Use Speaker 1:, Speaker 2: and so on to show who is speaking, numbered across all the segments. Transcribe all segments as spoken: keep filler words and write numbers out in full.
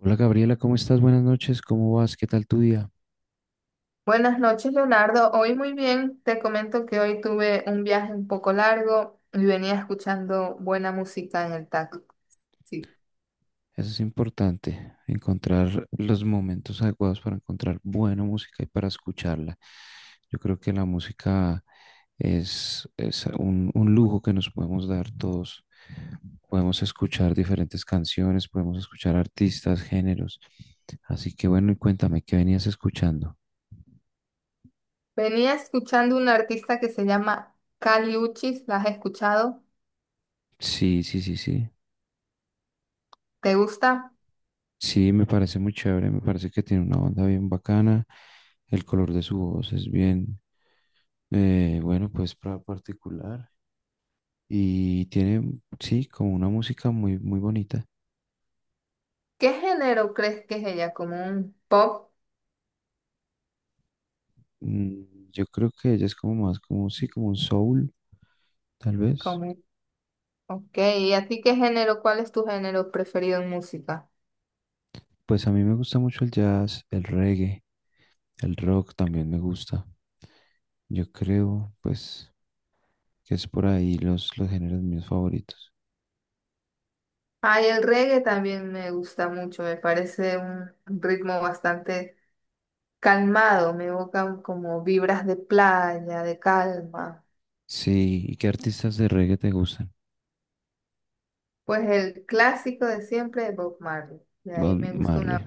Speaker 1: Hola Gabriela, ¿cómo estás? Buenas noches, ¿cómo vas? ¿Qué tal tu día?
Speaker 2: Buenas noches, Leonardo. Hoy muy bien. Te comento que hoy tuve un viaje un poco largo y venía escuchando buena música en el taxi. Sí.
Speaker 1: Eso es importante, encontrar los momentos adecuados para encontrar buena música y para escucharla. Yo creo que la música es, es un, un lujo que nos podemos dar todos. Podemos escuchar diferentes canciones, podemos escuchar artistas, géneros. Así que bueno, y cuéntame, ¿qué venías escuchando?
Speaker 2: Venía escuchando un artista que se llama Kali Uchis. ¿La has escuchado?
Speaker 1: Sí, sí, sí, sí.
Speaker 2: ¿Te gusta?
Speaker 1: Sí, me parece muy chévere, me parece que tiene una onda bien bacana, el color de su voz es bien, eh, bueno, pues pra- particular y tiene, sí, como una música muy, muy bonita.
Speaker 2: ¿Qué género crees que es ella? ¿Como un pop?
Speaker 1: Mm, yo creo que ella es como más, como, sí, como un soul, tal vez.
Speaker 2: ¿Como un... Ok. ¿Y a ti qué género? ¿Cuál es tu género preferido en música?
Speaker 1: Pues a mí me gusta mucho el jazz, el reggae, el rock también me gusta. Yo creo, pues, que es por ahí los, los géneros míos favoritos.
Speaker 2: Ay, el reggae también me gusta mucho. Me parece un ritmo bastante calmado, me evocan como vibras de playa, de calma.
Speaker 1: Sí, ¿y qué artistas de reggae te gustan?
Speaker 2: Pues el clásico de siempre de Bob Marley. De ahí
Speaker 1: Bob
Speaker 2: me gusta una
Speaker 1: Marley.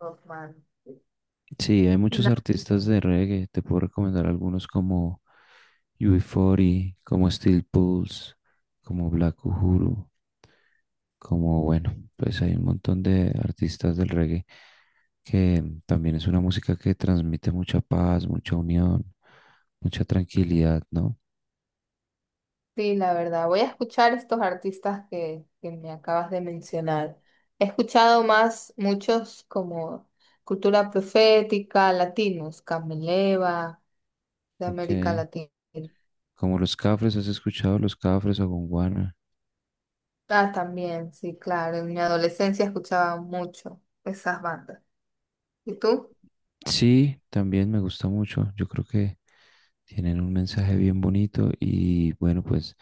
Speaker 2: Bob Marley.
Speaker 1: Sí, hay muchos
Speaker 2: No,
Speaker 1: artistas de reggae. Te puedo recomendar algunos como U B cuarenta, como Steel Pulse, como Black Uhuru, como bueno, pues hay un montón de artistas del reggae que también es una música que transmite mucha paz, mucha unión, mucha tranquilidad, ¿no?
Speaker 2: sí, la verdad. Voy a escuchar estos artistas que, que me acabas de mencionar. He escuchado más muchos como Cultura Profética, latinos, Cameleva, de
Speaker 1: Ok.
Speaker 2: América Latina.
Speaker 1: Como los Cafres, ¿has escuchado los Cafres o Gonguana?
Speaker 2: Ah, también, sí, claro. En mi adolescencia escuchaba mucho esas bandas. ¿Y tú?
Speaker 1: Sí, también me gusta mucho. Yo creo que tienen un mensaje bien bonito y bueno, pues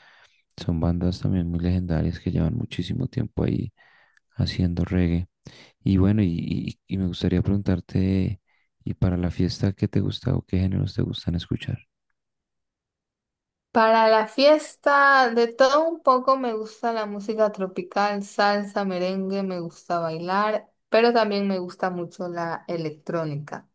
Speaker 1: son bandas también muy legendarias que llevan muchísimo tiempo ahí haciendo reggae. Y bueno, y, y- y me gustaría preguntarte, ¿y para la fiesta qué te gusta o qué géneros te gustan escuchar?
Speaker 2: Para la fiesta, de todo un poco me gusta la música tropical, salsa, merengue, me gusta bailar, pero también me gusta mucho la electrónica.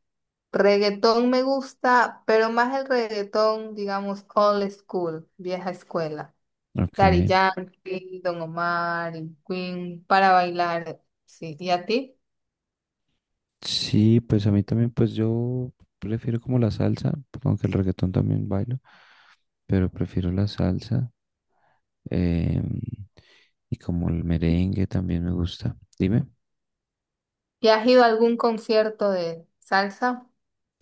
Speaker 2: Reggaetón me gusta, pero más el reggaetón, digamos, old school, vieja escuela.
Speaker 1: Ok,
Speaker 2: Daddy Yankee, Don Omar, y Queen, para bailar, sí. ¿Y a ti?
Speaker 1: sí, pues a mí también, pues yo prefiero como la salsa, aunque el reggaetón también bailo, pero prefiero la salsa, em, y como el merengue también me gusta. Dime.
Speaker 2: ¿Y has ido a algún concierto de salsa?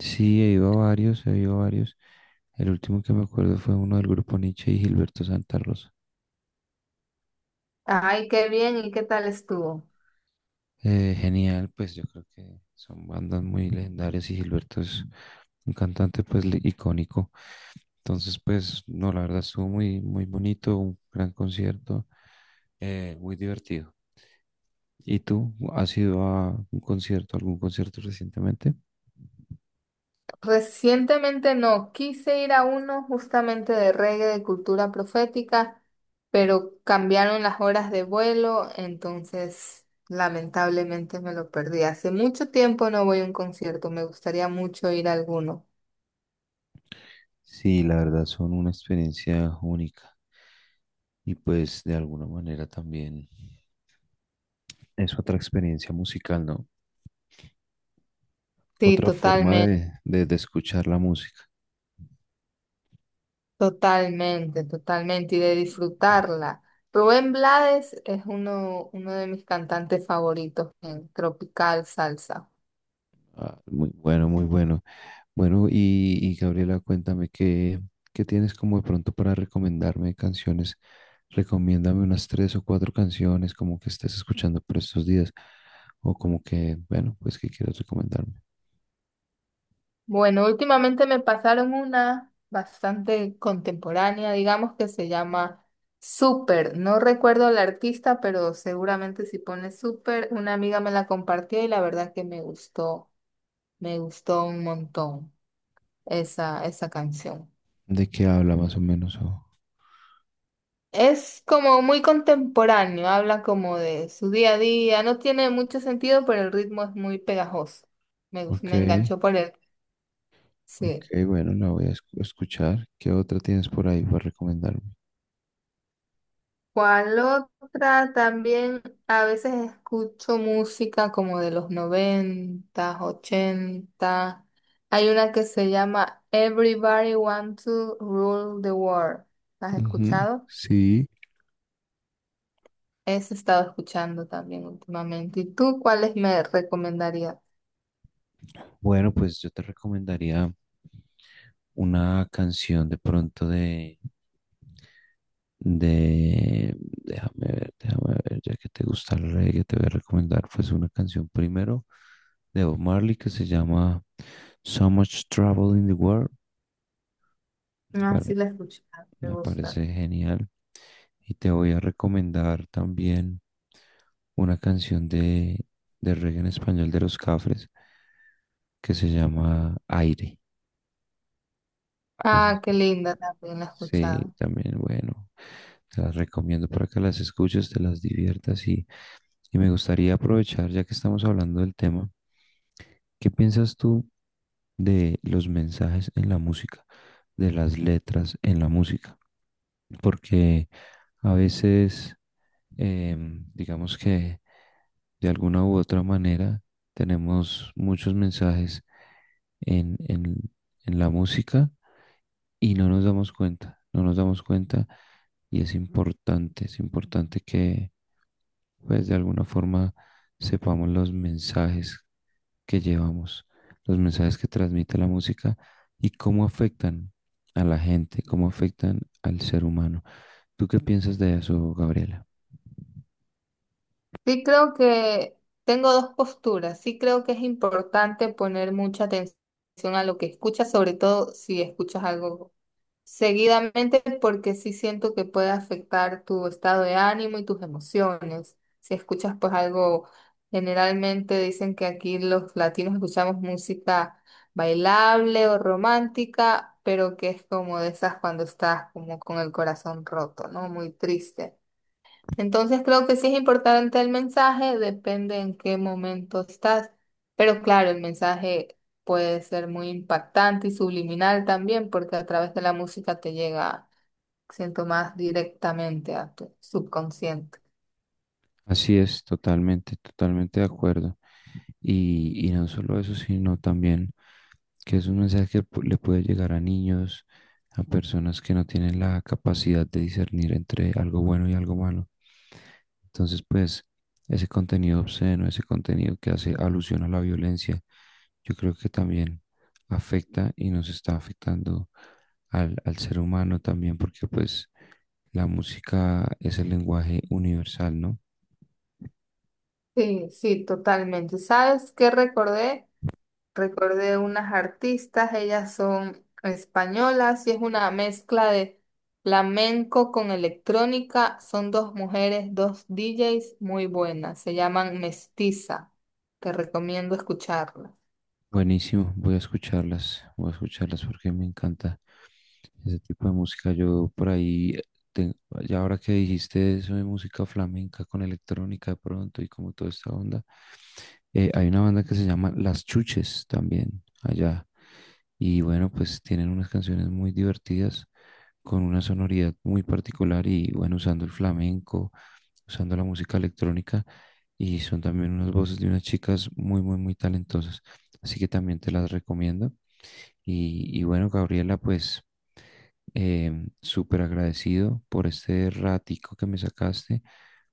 Speaker 1: Sí, he ido a varios, he ido a varios. El último que me acuerdo fue uno del grupo Nietzsche y Gilberto Santa Rosa.
Speaker 2: Ay, qué bien, ¿y qué tal estuvo?
Speaker 1: Eh, genial, pues yo creo que son bandas muy legendarias y Gilberto es un cantante pues li- icónico. Entonces, pues no, la verdad estuvo muy, muy bonito, un gran concierto, eh, muy divertido. ¿Y tú has ido a un concierto, algún concierto recientemente?
Speaker 2: Recientemente no, quise ir a uno justamente de reggae de cultura profética, pero cambiaron las horas de vuelo, entonces lamentablemente me lo perdí. Hace mucho tiempo no voy a un concierto, me gustaría mucho ir a alguno.
Speaker 1: Sí, la verdad son una experiencia única. Y pues de alguna manera también es otra experiencia musical, ¿no?
Speaker 2: Sí,
Speaker 1: Otra forma
Speaker 2: totalmente,
Speaker 1: de, de, de escuchar la música.
Speaker 2: totalmente, totalmente, y de disfrutarla. Rubén Blades es uno, uno de mis cantantes favoritos en tropical salsa.
Speaker 1: Ah, muy bueno, muy bueno. Bueno, y, y Gabriela, cuéntame qué, qué tienes como de pronto para recomendarme canciones. Recomiéndame unas tres o cuatro canciones como que estés escuchando por estos días. O como que, bueno, pues que quieras recomendarme.
Speaker 2: Bueno, últimamente me pasaron una bastante contemporánea, digamos, que se llama Super. No recuerdo la artista, pero seguramente si pone Super, una amiga me la compartió y la verdad que me gustó, me gustó un montón esa, esa canción.
Speaker 1: ¿De qué habla más o menos? O,
Speaker 2: Es como muy contemporáneo, habla como de su día a día, no tiene mucho sentido, pero el ritmo es muy pegajoso. Me, gus-
Speaker 1: ok.
Speaker 2: me enganchó por él.
Speaker 1: Ok,
Speaker 2: Sí.
Speaker 1: bueno, la voy a escu- escuchar. ¿Qué otra tienes por ahí para recomendarme?
Speaker 2: ¿Cuál otra? También a veces escucho música como de los noventa, ochenta. Hay una que se llama Everybody Want to Rule the World. ¿La has
Speaker 1: Ujú,
Speaker 2: escuchado?
Speaker 1: sí.
Speaker 2: Esa he estado escuchando también últimamente. ¿Y tú cuáles me recomendarías?
Speaker 1: Bueno, pues yo te recomendaría una canción de pronto de, de, déjame ver, déjame ver, ya que te gusta el reggae, te voy a recomendar pues una canción primero de Bob Marley que se llama So Much Trouble in the World. Me
Speaker 2: Ah, sí
Speaker 1: pare-
Speaker 2: la he escuchado, me
Speaker 1: Me
Speaker 2: gusta.
Speaker 1: parece genial. Y te voy a recomendar también una canción de, de reggae en español de los Cafres que se llama Aire. No sé,
Speaker 2: Ah, qué linda, también la he
Speaker 1: sí,
Speaker 2: escuchado.
Speaker 1: también, bueno, te las recomiendo para que las escuches, te las diviertas y, y me gustaría aprovechar, ya que estamos hablando del tema, ¿qué piensas tú de los mensajes en la música, de las letras en la música? Porque a veces, em, digamos que de alguna u otra manera, tenemos muchos mensajes en, en, en la música y no nos damos cuenta, no nos damos cuenta y es importante, es importante que pues de alguna forma sepamos los mensajes que llevamos, los mensajes que transmite la música y cómo afectan a la gente, cómo afectan al ser humano. ¿Tú qué piensas de eso, Gabriela?
Speaker 2: Sí creo que tengo dos posturas. Sí creo que es importante poner mucha atención a lo que escuchas, sobre todo si escuchas algo seguidamente, porque sí siento que puede afectar tu estado de ánimo y tus emociones. Si escuchas pues algo, generalmente dicen que aquí los latinos escuchamos música bailable o romántica, pero que es como de esas cuando estás como con el corazón roto, ¿no? Muy triste. Entonces creo que sí es importante el mensaje, depende en qué momento estás, pero claro, el mensaje puede ser muy impactante y subliminal también, porque a través de la música te llega, siento más directamente a tu subconsciente.
Speaker 1: Así es, totalmente, totalmente de acuerdo. Y, y no solo eso, sino también que es un mensaje que pu- le puede llegar a niños, a personas que no tienen la capacidad de discernir entre algo bueno y algo malo. Entonces, pues, ese contenido obsceno, ese contenido que hace alusión a la violencia, yo creo que también afecta y nos está afectando al, al ser humano también, porque pues la música es el lenguaje universal, ¿no?
Speaker 2: Sí, sí, totalmente. ¿Sabes qué recordé? Recordé unas artistas, ellas son españolas y es una mezcla de flamenco con electrónica. Son dos mujeres, dos D Js muy buenas. Se llaman Mestiza. Te recomiendo escucharlas.
Speaker 1: Buenísimo, voy a escucharlas, voy a escucharlas porque me encanta ese tipo de música. Yo por ahí, te- ya ahora que dijiste eso de música flamenca con electrónica de pronto y como toda esta onda, eh, hay una banda que se llama Las Chuches también allá. Y bueno, pues tienen unas canciones muy divertidas con una sonoridad muy particular y bueno, usando el flamenco, usando la música electrónica y son también unas voces de unas chicas muy, muy, muy talentosas. Así que también te las recomiendo. Y, y bueno, Gabriela, pues em, súper agradecido por este ratico que me sacaste,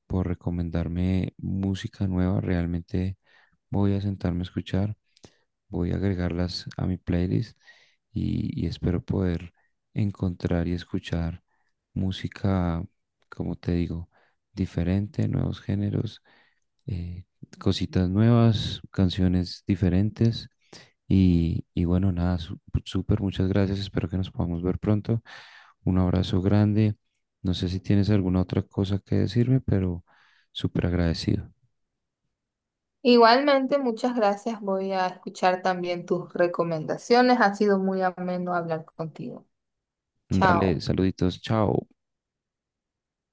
Speaker 1: por recomendarme música nueva. Realmente voy a sentarme a escuchar, voy a agregarlas a mi playlist y, y espero poder encontrar y escuchar música, como te digo, diferente, nuevos géneros, eh, cositas nuevas, canciones diferentes y, y bueno, nada, su- súper, muchas gracias. Espero que nos podamos ver pronto. Un abrazo grande. No sé si tienes alguna otra cosa que decirme, pero súper agradecido.
Speaker 2: Igualmente, muchas gracias. Voy a escuchar también tus recomendaciones. Ha sido muy ameno hablar contigo.
Speaker 1: Dale,
Speaker 2: Chao.
Speaker 1: saluditos, chao.